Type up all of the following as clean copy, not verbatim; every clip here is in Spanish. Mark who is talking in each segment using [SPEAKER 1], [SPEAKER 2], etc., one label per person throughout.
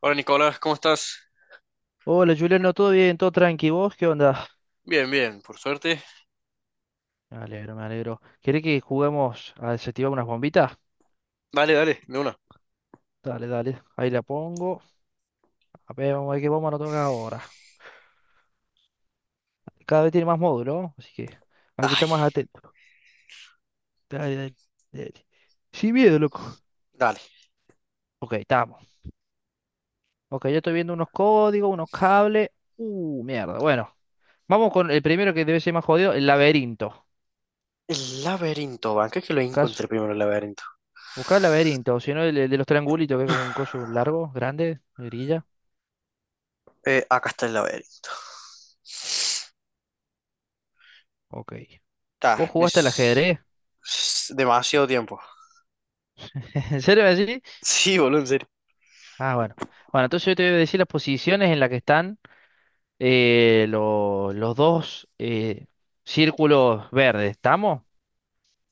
[SPEAKER 1] Hola Nicolás, ¿cómo estás?
[SPEAKER 2] Hola Juliano, ¿todo bien? ¿Todo tranqui? ¿Vos qué onda?
[SPEAKER 1] Bien, bien, por suerte.
[SPEAKER 2] Me alegro, me alegro. ¿Querés que juguemos a desactivar unas bombitas?
[SPEAKER 1] Dale, dale, de una.
[SPEAKER 2] Dale, dale. Ahí la pongo. A ver, vamos a ver qué bomba nos toca ahora. Cada vez tiene más módulo, ¿no?, así que hay que
[SPEAKER 1] Ay,
[SPEAKER 2] estar más atento. Dale, dale, dale. Sin miedo, loco.
[SPEAKER 1] dale.
[SPEAKER 2] Ok, estamos. Ok, yo estoy viendo unos códigos, unos cables. Mierda. Bueno, vamos con el primero que debe ser más jodido, el laberinto.
[SPEAKER 1] El laberinto, van, que es que lo
[SPEAKER 2] Caso.
[SPEAKER 1] encontré primero el laberinto.
[SPEAKER 2] Buscar el laberinto, o si no, el de los triangulitos, que es como un coso largo, grande, grilla.
[SPEAKER 1] Acá está el laberinto.
[SPEAKER 2] Ok.
[SPEAKER 1] Está,
[SPEAKER 2] ¿Vos jugaste al
[SPEAKER 1] es,
[SPEAKER 2] ajedrez?
[SPEAKER 1] es demasiado tiempo.
[SPEAKER 2] ¿En serio así?
[SPEAKER 1] Sí, boludo, en serio.
[SPEAKER 2] Ah, bueno. Bueno, entonces yo te voy a decir las posiciones en las que están los dos círculos verdes. ¿Estamos?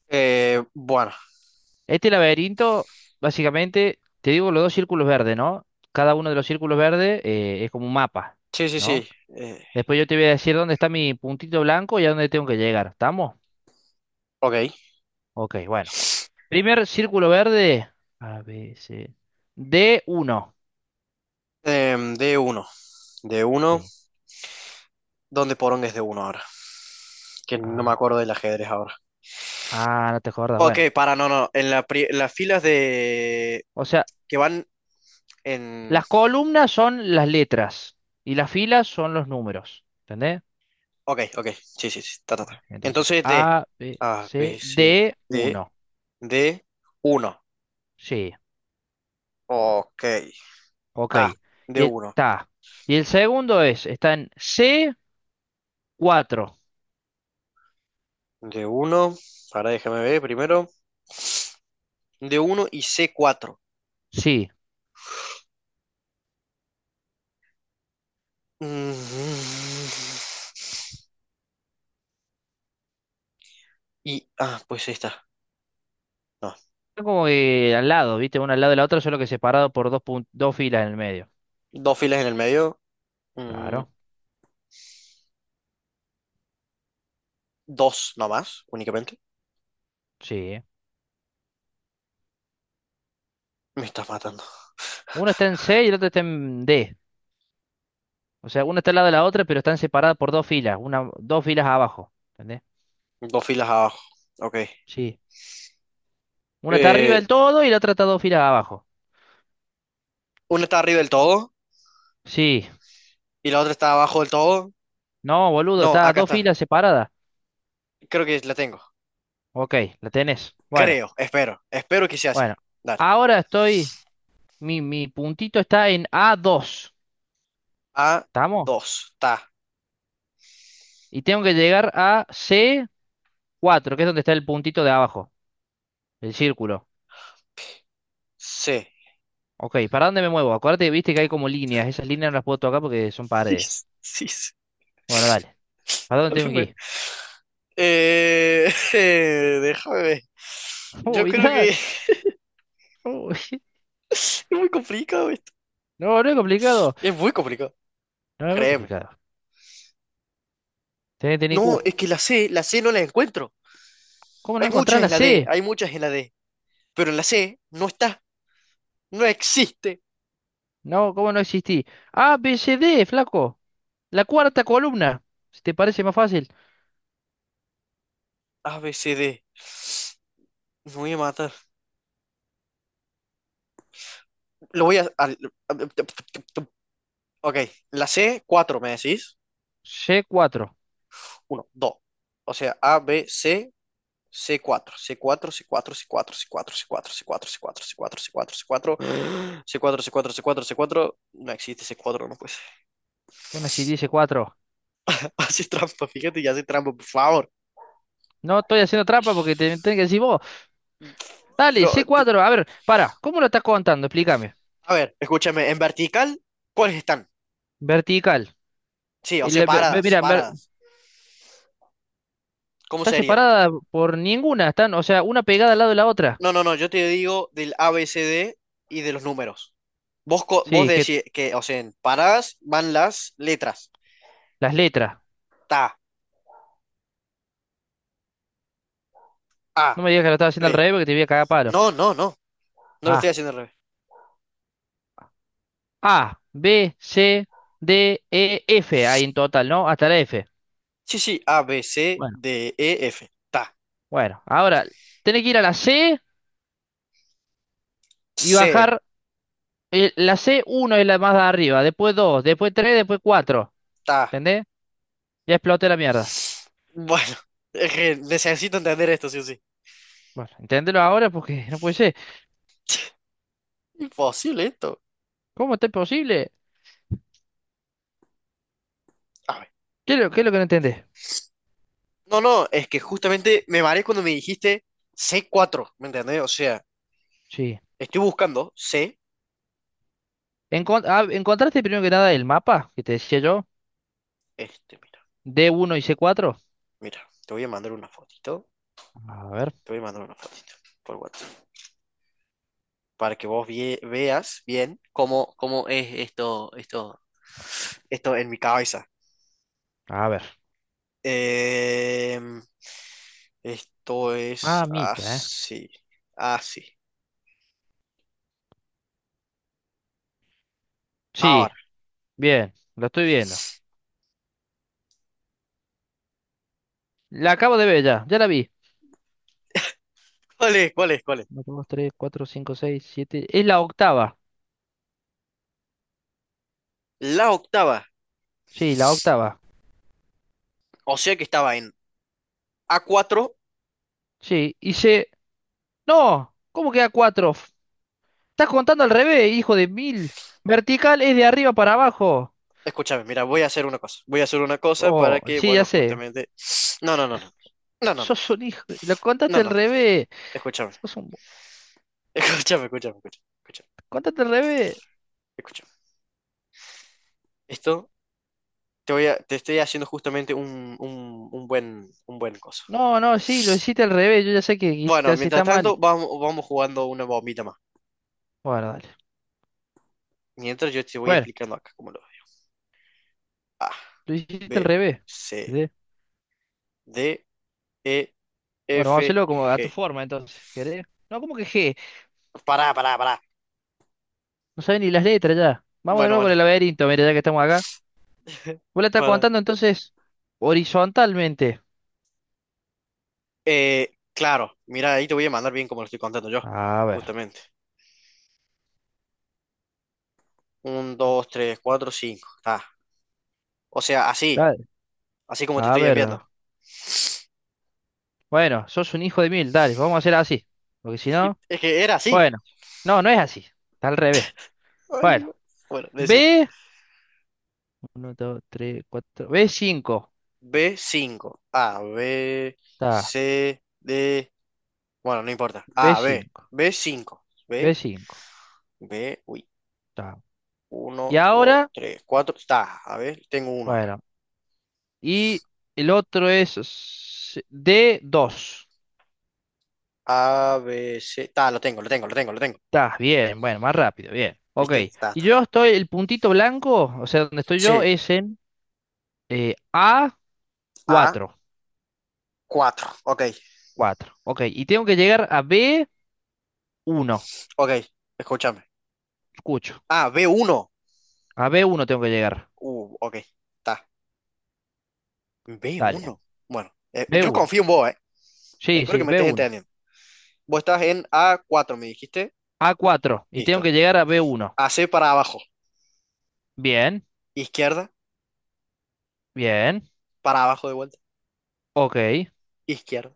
[SPEAKER 1] Bueno,
[SPEAKER 2] Este laberinto, básicamente, te digo los dos círculos verdes, ¿no? Cada uno de los círculos verdes es como un mapa,
[SPEAKER 1] sí, sí,
[SPEAKER 2] ¿no?
[SPEAKER 1] sí. eh,
[SPEAKER 2] Después yo te voy a decir dónde está mi puntito blanco y a dónde tengo que llegar. ¿Estamos?
[SPEAKER 1] ok.
[SPEAKER 2] Ok, bueno. Primer círculo verde. A, B, C. D uno.
[SPEAKER 1] D uno. D1,
[SPEAKER 2] Sí.
[SPEAKER 1] ¿dónde poronga es D1 ahora? Que no me
[SPEAKER 2] A, B.
[SPEAKER 1] acuerdo del ajedrez ahora.
[SPEAKER 2] Ah, no te acuerdas.
[SPEAKER 1] Ok,
[SPEAKER 2] Bueno.
[SPEAKER 1] para, no, no. En la las filas de.
[SPEAKER 2] O sea,
[SPEAKER 1] Que van en.
[SPEAKER 2] las columnas son las letras y las filas son los números. ¿Entendés?
[SPEAKER 1] Ok, ok. Sí, sí, sí. Ta, ta, ta.
[SPEAKER 2] Ok, entonces,
[SPEAKER 1] Entonces de
[SPEAKER 2] A, B,
[SPEAKER 1] A, B,
[SPEAKER 2] C,
[SPEAKER 1] C,
[SPEAKER 2] D,
[SPEAKER 1] D,
[SPEAKER 2] uno.
[SPEAKER 1] D, uno.
[SPEAKER 2] Sí,
[SPEAKER 1] Ok.
[SPEAKER 2] ok.
[SPEAKER 1] A, D,
[SPEAKER 2] Y
[SPEAKER 1] uno,
[SPEAKER 2] está. Y el segundo es, está en C, cuatro.
[SPEAKER 1] D, uno. Ahora déjame ver primero. D, uno y C, 4.
[SPEAKER 2] Sí.
[SPEAKER 1] Y, ah, pues ahí está. No.
[SPEAKER 2] Es como que al lado, ¿viste? Uno al lado de la otra, solo que separado por dos, dos filas en el medio.
[SPEAKER 1] Dos filas en el medio. Mm,
[SPEAKER 2] Claro,
[SPEAKER 1] Dos nomás, únicamente.
[SPEAKER 2] sí.
[SPEAKER 1] Me estás matando.
[SPEAKER 2] Uno está en C y el otro está en D. O sea, uno está al lado de la otra, pero están separadas por dos filas, una, dos filas abajo. ¿Entendés?
[SPEAKER 1] Dos filas abajo. Ok.
[SPEAKER 2] Sí. Una está arriba
[SPEAKER 1] Eh,
[SPEAKER 2] del todo y la otra está dos filas abajo.
[SPEAKER 1] una está arriba del todo
[SPEAKER 2] Sí.
[SPEAKER 1] y la otra está abajo del todo.
[SPEAKER 2] No, boludo,
[SPEAKER 1] No,
[SPEAKER 2] está
[SPEAKER 1] acá
[SPEAKER 2] dos
[SPEAKER 1] está.
[SPEAKER 2] filas separadas.
[SPEAKER 1] Creo que la tengo.
[SPEAKER 2] Ok, la tenés. Bueno,
[SPEAKER 1] Creo, espero que sea así.
[SPEAKER 2] bueno.
[SPEAKER 1] Dale.
[SPEAKER 2] Ahora estoy. Mi puntito está en A dos.
[SPEAKER 1] A
[SPEAKER 2] ¿Estamos?
[SPEAKER 1] dos ta.
[SPEAKER 2] Y tengo que llegar a C cuatro que es donde está el puntito de abajo, el círculo.
[SPEAKER 1] C.
[SPEAKER 2] Ok, ¿para dónde me muevo? Acuérdate, viste que hay como líneas. Esas líneas no las puedo tocar porque son
[SPEAKER 1] Sí,
[SPEAKER 2] paredes.
[SPEAKER 1] sí, sí.
[SPEAKER 2] Bueno, dale. ¿Para dónde tengo que
[SPEAKER 1] Disculpe.
[SPEAKER 2] ir?
[SPEAKER 1] Déjame ver. Yo
[SPEAKER 2] Uy,
[SPEAKER 1] creo que es
[SPEAKER 2] uy.
[SPEAKER 1] muy complicado esto.
[SPEAKER 2] No, no es complicado.
[SPEAKER 1] Es muy complicado,
[SPEAKER 2] No, no es
[SPEAKER 1] créeme.
[SPEAKER 2] complicado. Tenés que tener
[SPEAKER 1] No,
[SPEAKER 2] Q.
[SPEAKER 1] es que la C no la encuentro.
[SPEAKER 2] ¿Cómo no
[SPEAKER 1] Hay
[SPEAKER 2] encontrar
[SPEAKER 1] muchas
[SPEAKER 2] la
[SPEAKER 1] en la D,
[SPEAKER 2] C?
[SPEAKER 1] hay muchas en la D. Pero en la C no está, no existe.
[SPEAKER 2] No, ¿cómo no existí? A, B, C, D, flaco. La cuarta columna. Si te parece más fácil.
[SPEAKER 1] A, B, C, D. Me voy a matar. Lo voy a, Ok, la C, cuatro, ¿me decís?
[SPEAKER 2] C4.
[SPEAKER 1] Uno, dos. O sea, A, B, C, c cuatro, c cuatro, c cuatro, c cuatro, c cuatro, c cuatro, c cuatro, c cuatro, c cuatro, c cuatro, c cuatro, c cuatro. C4, C4, C4. No existe c cuatro no pues.
[SPEAKER 2] Bueno, si dice 4.
[SPEAKER 1] Hace trampa, fíjate, ya hace trampa, por favor.
[SPEAKER 2] No estoy haciendo trampa porque te tenés que decir vos. Dale,
[SPEAKER 1] Pero,
[SPEAKER 2] C4. A ver, para. ¿Cómo lo estás contando? Explícame.
[SPEAKER 1] a ver, escúchame, en vertical, ¿cuáles están?
[SPEAKER 2] Vertical.
[SPEAKER 1] Sí, o sea,
[SPEAKER 2] El- ve- ve-
[SPEAKER 1] paradas,
[SPEAKER 2] mira, ver-
[SPEAKER 1] paradas. ¿Cómo
[SPEAKER 2] está
[SPEAKER 1] sería?
[SPEAKER 2] separada por ninguna. Están, o sea, una pegada al lado de la otra.
[SPEAKER 1] No, no, no, yo te digo del A B C D y de los números. Vos
[SPEAKER 2] Sí, que
[SPEAKER 1] decís que, o sea, en paradas van las letras.
[SPEAKER 2] las letras.
[SPEAKER 1] Ta, A,
[SPEAKER 2] No me digas que lo estás haciendo al
[SPEAKER 1] P.
[SPEAKER 2] revés porque te voy a cagar a palo.
[SPEAKER 1] No, no, no. No lo estoy
[SPEAKER 2] Ah,
[SPEAKER 1] haciendo al revés.
[SPEAKER 2] A, B, C, D, E, F. Ahí en total, ¿no? Hasta la F.
[SPEAKER 1] Sí, sí, A, B, C, D, E, F. Ta,
[SPEAKER 2] Bueno, ahora tenés que ir a la C y
[SPEAKER 1] C,
[SPEAKER 2] bajar. La C, uno es la más de arriba, después 2, después 3, después cuatro.
[SPEAKER 1] ta.
[SPEAKER 2] ¿Entendés? Ya exploté la mierda.
[SPEAKER 1] Bueno, es que necesito entender esto, sí o sí.
[SPEAKER 2] Bueno, entendelo ahora porque no puede ser.
[SPEAKER 1] Imposible esto.
[SPEAKER 2] ¿Cómo está posible?
[SPEAKER 1] A ver.
[SPEAKER 2] Qué es lo que no entendés?
[SPEAKER 1] No, no, es que justamente me mareé cuando me dijiste c cuatro, ¿me entendés? O sea,
[SPEAKER 2] Sí.
[SPEAKER 1] estoy buscando C,
[SPEAKER 2] ¿Encontraste primero que nada el mapa que te decía yo?
[SPEAKER 1] este, mira,
[SPEAKER 2] D uno y C cuatro.
[SPEAKER 1] mira, te voy a mandar una fotito,
[SPEAKER 2] A ver,
[SPEAKER 1] te voy a mandar una fotito por WhatsApp, para que vos veas bien cómo es esto, esto, esto en mi cabeza.
[SPEAKER 2] a ver.
[SPEAKER 1] Em, Esto es
[SPEAKER 2] Ah, mita, ¿eh?
[SPEAKER 1] así, así.
[SPEAKER 2] Sí,
[SPEAKER 1] Ahora,
[SPEAKER 2] bien, lo estoy viendo. La acabo de ver ya, ya la vi.
[SPEAKER 1] ¿cuál es? ¿Cuál es? ¿Cuál es?
[SPEAKER 2] Uno, 2, 3, 4, 5, 6, 7. Es la octava.
[SPEAKER 1] La octava,
[SPEAKER 2] Sí, la octava.
[SPEAKER 1] o sea que estaba en a cuatro.
[SPEAKER 2] Sí, hice. No, ¿cómo queda cuatro? Estás contando al revés, hijo de mil. Vertical es de arriba para abajo.
[SPEAKER 1] Escúchame, mira, voy a hacer una cosa. Voy a hacer una cosa para
[SPEAKER 2] Oh,
[SPEAKER 1] que,
[SPEAKER 2] sí, ya
[SPEAKER 1] bueno,
[SPEAKER 2] sé.
[SPEAKER 1] justamente. No, no, no, no. No, no, no.
[SPEAKER 2] Sos un hijo. Lo
[SPEAKER 1] No,
[SPEAKER 2] contaste
[SPEAKER 1] no,
[SPEAKER 2] al
[SPEAKER 1] no, no.
[SPEAKER 2] revés.
[SPEAKER 1] Escúchame.
[SPEAKER 2] Sos un...
[SPEAKER 1] Escúchame, escúchame, escúchame, escúchame,
[SPEAKER 2] Contaste al revés.
[SPEAKER 1] escúchame. Esto te estoy haciendo justamente un buen coso.
[SPEAKER 2] No, no, sí, lo hiciste al revés. Yo ya sé que hiciste
[SPEAKER 1] Bueno,
[SPEAKER 2] así,
[SPEAKER 1] mientras
[SPEAKER 2] está mal.
[SPEAKER 1] tanto, vamos jugando una bombita más.
[SPEAKER 2] Bueno, dale.
[SPEAKER 1] Mientras yo te voy
[SPEAKER 2] Bueno,
[SPEAKER 1] explicando acá cómo lo veo. A,
[SPEAKER 2] lo hiciste al
[SPEAKER 1] B,
[SPEAKER 2] revés.
[SPEAKER 1] C,
[SPEAKER 2] ¿Entendés?
[SPEAKER 1] D, E,
[SPEAKER 2] Bueno,
[SPEAKER 1] F,
[SPEAKER 2] vamos a hacerlo como a tu
[SPEAKER 1] G.
[SPEAKER 2] forma, entonces. ¿Querés? No, ¿cómo que G?
[SPEAKER 1] Pará, pará, pará.
[SPEAKER 2] No sabes ni las letras ya. Vamos de
[SPEAKER 1] Bueno,
[SPEAKER 2] nuevo
[SPEAKER 1] bueno,
[SPEAKER 2] con el laberinto, mira, ya que estamos acá. Vos la estás
[SPEAKER 1] para.
[SPEAKER 2] contando entonces horizontalmente.
[SPEAKER 1] Claro, mira, ahí te voy a mandar bien como lo estoy contando yo,
[SPEAKER 2] A ver,
[SPEAKER 1] justamente. Un, dos, tres, cuatro, cinco. Está. O sea, así,
[SPEAKER 2] dale.
[SPEAKER 1] así como te
[SPEAKER 2] A
[SPEAKER 1] estoy
[SPEAKER 2] ver.
[SPEAKER 1] enviando.
[SPEAKER 2] Bueno, sos un hijo de mil, dale, vamos a hacer así. Porque si
[SPEAKER 1] Sí,
[SPEAKER 2] no,
[SPEAKER 1] es que era así.
[SPEAKER 2] bueno. No, no es así. Está al revés.
[SPEAKER 1] Ay,
[SPEAKER 2] Bueno,
[SPEAKER 1] Dios. Bueno, decir
[SPEAKER 2] B. Uno, dos, tres, cuatro, B cinco.
[SPEAKER 1] b cinco. A, B,
[SPEAKER 2] Está.
[SPEAKER 1] C, D. Bueno, no importa.
[SPEAKER 2] B
[SPEAKER 1] A, B,
[SPEAKER 2] cinco,
[SPEAKER 1] b cinco,
[SPEAKER 2] B
[SPEAKER 1] B,
[SPEAKER 2] cinco.
[SPEAKER 1] B, uy.
[SPEAKER 2] Está.
[SPEAKER 1] Uno,
[SPEAKER 2] Y
[SPEAKER 1] dos,
[SPEAKER 2] ahora,
[SPEAKER 1] tres, cuatro. Está, a ver, tengo uno acá.
[SPEAKER 2] bueno. Y el otro es D dos.
[SPEAKER 1] A, B, C. Está, lo tengo, lo tengo, lo tengo, lo tengo.
[SPEAKER 2] Está, bien, bueno, más rápido, bien. Ok.
[SPEAKER 1] ¿Viste? Está,
[SPEAKER 2] Y
[SPEAKER 1] está,
[SPEAKER 2] yo
[SPEAKER 1] está.
[SPEAKER 2] estoy, el puntito blanco, o sea, donde estoy yo,
[SPEAKER 1] Sí,
[SPEAKER 2] es en A
[SPEAKER 1] A,
[SPEAKER 2] cuatro.
[SPEAKER 1] cuatro. Ok,
[SPEAKER 2] Cuatro. Ok, y tengo que llegar a B uno.
[SPEAKER 1] ok, escúchame.
[SPEAKER 2] Escucho.
[SPEAKER 1] Ah, b uno.
[SPEAKER 2] A B uno tengo que llegar.
[SPEAKER 1] Ok, está. B
[SPEAKER 2] Dale.
[SPEAKER 1] uno. Bueno,
[SPEAKER 2] B
[SPEAKER 1] yo
[SPEAKER 2] uno.
[SPEAKER 1] confío en vos, ¿eh?
[SPEAKER 2] Sí,
[SPEAKER 1] Espero que
[SPEAKER 2] sí,
[SPEAKER 1] me
[SPEAKER 2] B
[SPEAKER 1] estés
[SPEAKER 2] uno,
[SPEAKER 1] entendiendo. Vos estás en a cuatro, me dijiste.
[SPEAKER 2] A cuatro. Y tengo
[SPEAKER 1] Listo.
[SPEAKER 2] que llegar a B uno.
[SPEAKER 1] AC para abajo.
[SPEAKER 2] Bien,
[SPEAKER 1] Izquierda,
[SPEAKER 2] bien.
[SPEAKER 1] para abajo de vuelta.
[SPEAKER 2] Ok,
[SPEAKER 1] Izquierda,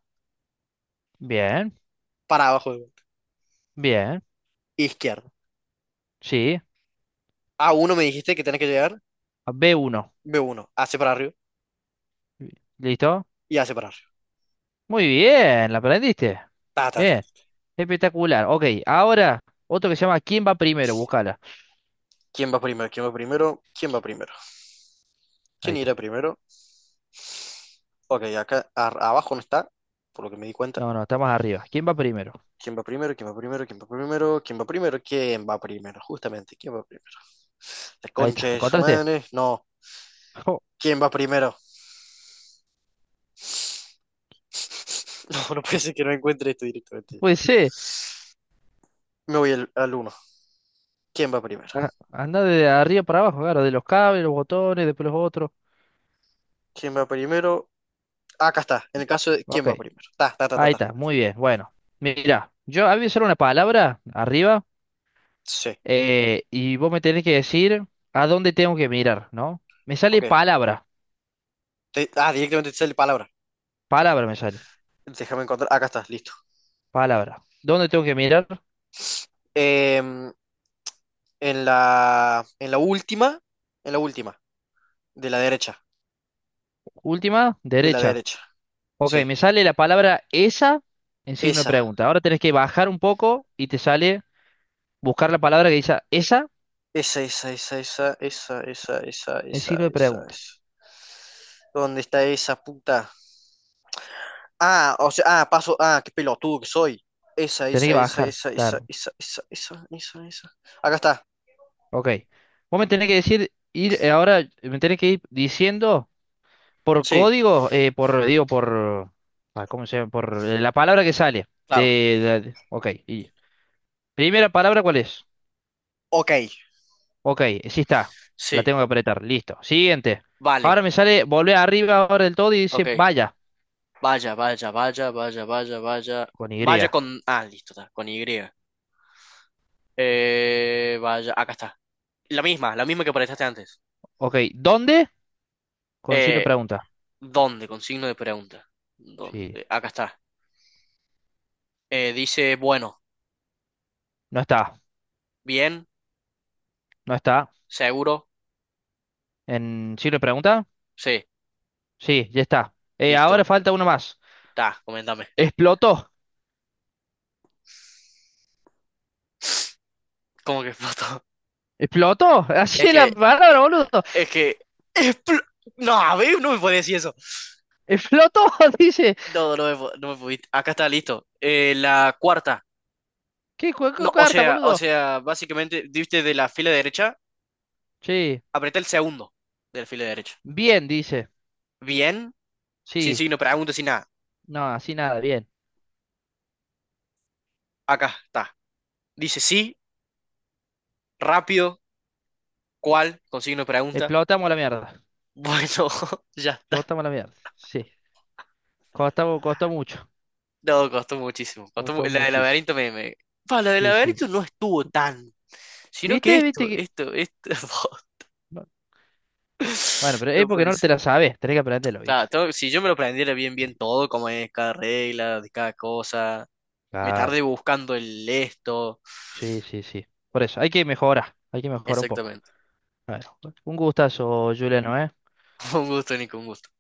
[SPEAKER 2] bien,
[SPEAKER 1] para abajo de vuelta.
[SPEAKER 2] bien.
[SPEAKER 1] Izquierda.
[SPEAKER 2] Sí,
[SPEAKER 1] A uno me dijiste que tenés que llegar.
[SPEAKER 2] a B uno.
[SPEAKER 1] B1. AC para arriba
[SPEAKER 2] ¿Listo?
[SPEAKER 1] y AC para arriba.
[SPEAKER 2] Muy bien, la aprendiste.
[SPEAKER 1] Ta, ta, ta.
[SPEAKER 2] Bien. Espectacular. Ok, ahora otro que se llama ¿Quién va primero? Búscala.
[SPEAKER 1] ¿Quién va primero? ¿Quién va primero? ¿Quién va
[SPEAKER 2] Qui-
[SPEAKER 1] primero?
[SPEAKER 2] Ahí
[SPEAKER 1] ¿Quién irá
[SPEAKER 2] está.
[SPEAKER 1] primero? Ok, acá abajo no está, por lo que me di cuenta.
[SPEAKER 2] No, no, está más arriba. ¿Quién va primero?
[SPEAKER 1] ¿Quién va primero? ¿Quién va primero? ¿Quién va primero? ¿Quién va primero? ¿Quién va primero? Justamente, ¿quién va primero? La
[SPEAKER 2] Ahí está.
[SPEAKER 1] concha
[SPEAKER 2] ¿La
[SPEAKER 1] de su
[SPEAKER 2] encontraste?
[SPEAKER 1] madre. No.
[SPEAKER 2] Oh,
[SPEAKER 1] ¿Quién va primero? No, no puede ser que no encuentre esto directamente.
[SPEAKER 2] puede ser.
[SPEAKER 1] Me voy al uno. ¿Quién va primero?
[SPEAKER 2] Ah, anda de arriba para abajo, claro, de los cables, los botones, después los otros.
[SPEAKER 1] ¿Quién va primero? Acá está. En el caso de ¿quién
[SPEAKER 2] Ok,
[SPEAKER 1] va primero? Ta, ta, ta, ta,
[SPEAKER 2] ahí
[SPEAKER 1] ta.
[SPEAKER 2] está, muy bien. Bueno, mira, yo había solo una palabra arriba
[SPEAKER 1] Sí.
[SPEAKER 2] y vos me tenés que decir a dónde tengo que mirar, ¿no? Me sale
[SPEAKER 1] Ok.
[SPEAKER 2] palabra,
[SPEAKER 1] Directamente te sale palabra.
[SPEAKER 2] palabra me sale,
[SPEAKER 1] Déjame encontrar. Acá está, listo.
[SPEAKER 2] palabra. ¿Dónde tengo que mirar?
[SPEAKER 1] Em, en la última, en la última, de la derecha,
[SPEAKER 2] Última,
[SPEAKER 1] de la
[SPEAKER 2] derecha.
[SPEAKER 1] derecha,
[SPEAKER 2] Ok,
[SPEAKER 1] sí.
[SPEAKER 2] me sale la palabra esa en signo de
[SPEAKER 1] Esa,
[SPEAKER 2] pregunta. Ahora tenés que bajar un poco y te sale buscar la palabra que dice esa
[SPEAKER 1] esa, esa, esa, esa, esa, esa, esa, esa,
[SPEAKER 2] en signo de
[SPEAKER 1] esa,
[SPEAKER 2] pregunta.
[SPEAKER 1] esa. ¿Dónde está esa puta? Ah, o sea, ah, paso, ah, qué pelotudo que soy. Esa,
[SPEAKER 2] Tenés que
[SPEAKER 1] esa, esa,
[SPEAKER 2] bajar,
[SPEAKER 1] esa, esa,
[SPEAKER 2] claro.
[SPEAKER 1] esa, esa, esa, esa, esa. Acá está.
[SPEAKER 2] Ok. Vos me tenés que decir, ir ahora, me tenés que ir diciendo por
[SPEAKER 1] Sí,
[SPEAKER 2] código, por, digo, por, ¿cómo se llama? Por la palabra que sale.
[SPEAKER 1] claro.
[SPEAKER 2] Ok. Y, primera palabra, ¿cuál es?
[SPEAKER 1] Ok,
[SPEAKER 2] Ok, sí está. La
[SPEAKER 1] sí,
[SPEAKER 2] tengo que apretar. Listo. Siguiente. Ahora
[SPEAKER 1] vale,
[SPEAKER 2] me sale, volver arriba ahora del todo y dice
[SPEAKER 1] ok.
[SPEAKER 2] vaya,
[SPEAKER 1] Vaya, vaya, vaya, vaya, vaya, vaya.
[SPEAKER 2] con Y.
[SPEAKER 1] Vaya con, ah, listo, está, con Y. Vaya, acá está. La misma que apareciste antes.
[SPEAKER 2] Ok, ¿dónde? Con signo de
[SPEAKER 1] Eh,
[SPEAKER 2] pregunta.
[SPEAKER 1] ¿Dónde? Con signo de pregunta.
[SPEAKER 2] Sí.
[SPEAKER 1] ¿Dónde? Acá está. Dice, bueno,
[SPEAKER 2] No está,
[SPEAKER 1] bien,
[SPEAKER 2] no está.
[SPEAKER 1] seguro,
[SPEAKER 2] ¿En signo de pregunta?
[SPEAKER 1] sí,
[SPEAKER 2] Sí, ya está. Ahora
[SPEAKER 1] listo.
[SPEAKER 2] falta uno más.
[SPEAKER 1] Ta, coméntame.
[SPEAKER 2] Explotó.
[SPEAKER 1] ¿Cómo que explotó?
[SPEAKER 2] Explotó, así
[SPEAKER 1] Es
[SPEAKER 2] es
[SPEAKER 1] que,
[SPEAKER 2] la
[SPEAKER 1] eh,
[SPEAKER 2] palabra, boludo.
[SPEAKER 1] es que, expl- no, a ver, no me puede decir eso.
[SPEAKER 2] Explotó, dice.
[SPEAKER 1] No, no me pudiste. Acá está, listo. La cuarta.
[SPEAKER 2] ¿Qué
[SPEAKER 1] No,
[SPEAKER 2] juego
[SPEAKER 1] o
[SPEAKER 2] carta,
[SPEAKER 1] sea, o
[SPEAKER 2] boludo?
[SPEAKER 1] sea, básicamente, diste de la fila derecha,
[SPEAKER 2] Sí,
[SPEAKER 1] apreté el segundo de la fila derecha.
[SPEAKER 2] bien, dice.
[SPEAKER 1] Bien, sin
[SPEAKER 2] Sí,
[SPEAKER 1] signo de pregunta, sin nada.
[SPEAKER 2] no, así nada, bien.
[SPEAKER 1] Acá está. Dice sí, rápido, ¿cuál? Con signo de pregunta.
[SPEAKER 2] Explotamos la mierda.
[SPEAKER 1] Bueno, ya está.
[SPEAKER 2] Explotamos la mierda. Sí, costó, costó mucho.
[SPEAKER 1] No, costó muchísimo. Costó
[SPEAKER 2] Costó
[SPEAKER 1] la del
[SPEAKER 2] muchísimo.
[SPEAKER 1] laberinto me, Pa, la del
[SPEAKER 2] Sí, sí.
[SPEAKER 1] laberinto no estuvo tan. Sino que
[SPEAKER 2] ¿Viste? ¿Viste
[SPEAKER 1] esto,
[SPEAKER 2] que?
[SPEAKER 1] esto, esto.
[SPEAKER 2] No, bueno, pero es
[SPEAKER 1] No
[SPEAKER 2] porque
[SPEAKER 1] puede
[SPEAKER 2] no te
[SPEAKER 1] ser.
[SPEAKER 2] la sabes. Tenés que aprenderlo, ¿viste?
[SPEAKER 1] Claro, si yo me lo aprendiera bien, bien todo, como es cada regla, de cada cosa. Me
[SPEAKER 2] Claro.
[SPEAKER 1] tardé buscando el esto.
[SPEAKER 2] Sí, sí, sí. Por eso, hay que mejorar. Hay que mejorar un poco.
[SPEAKER 1] Exactamente.
[SPEAKER 2] Bueno, un gustazo, Juliano, ¿eh?
[SPEAKER 1] Un gusto, Nico, un gusto.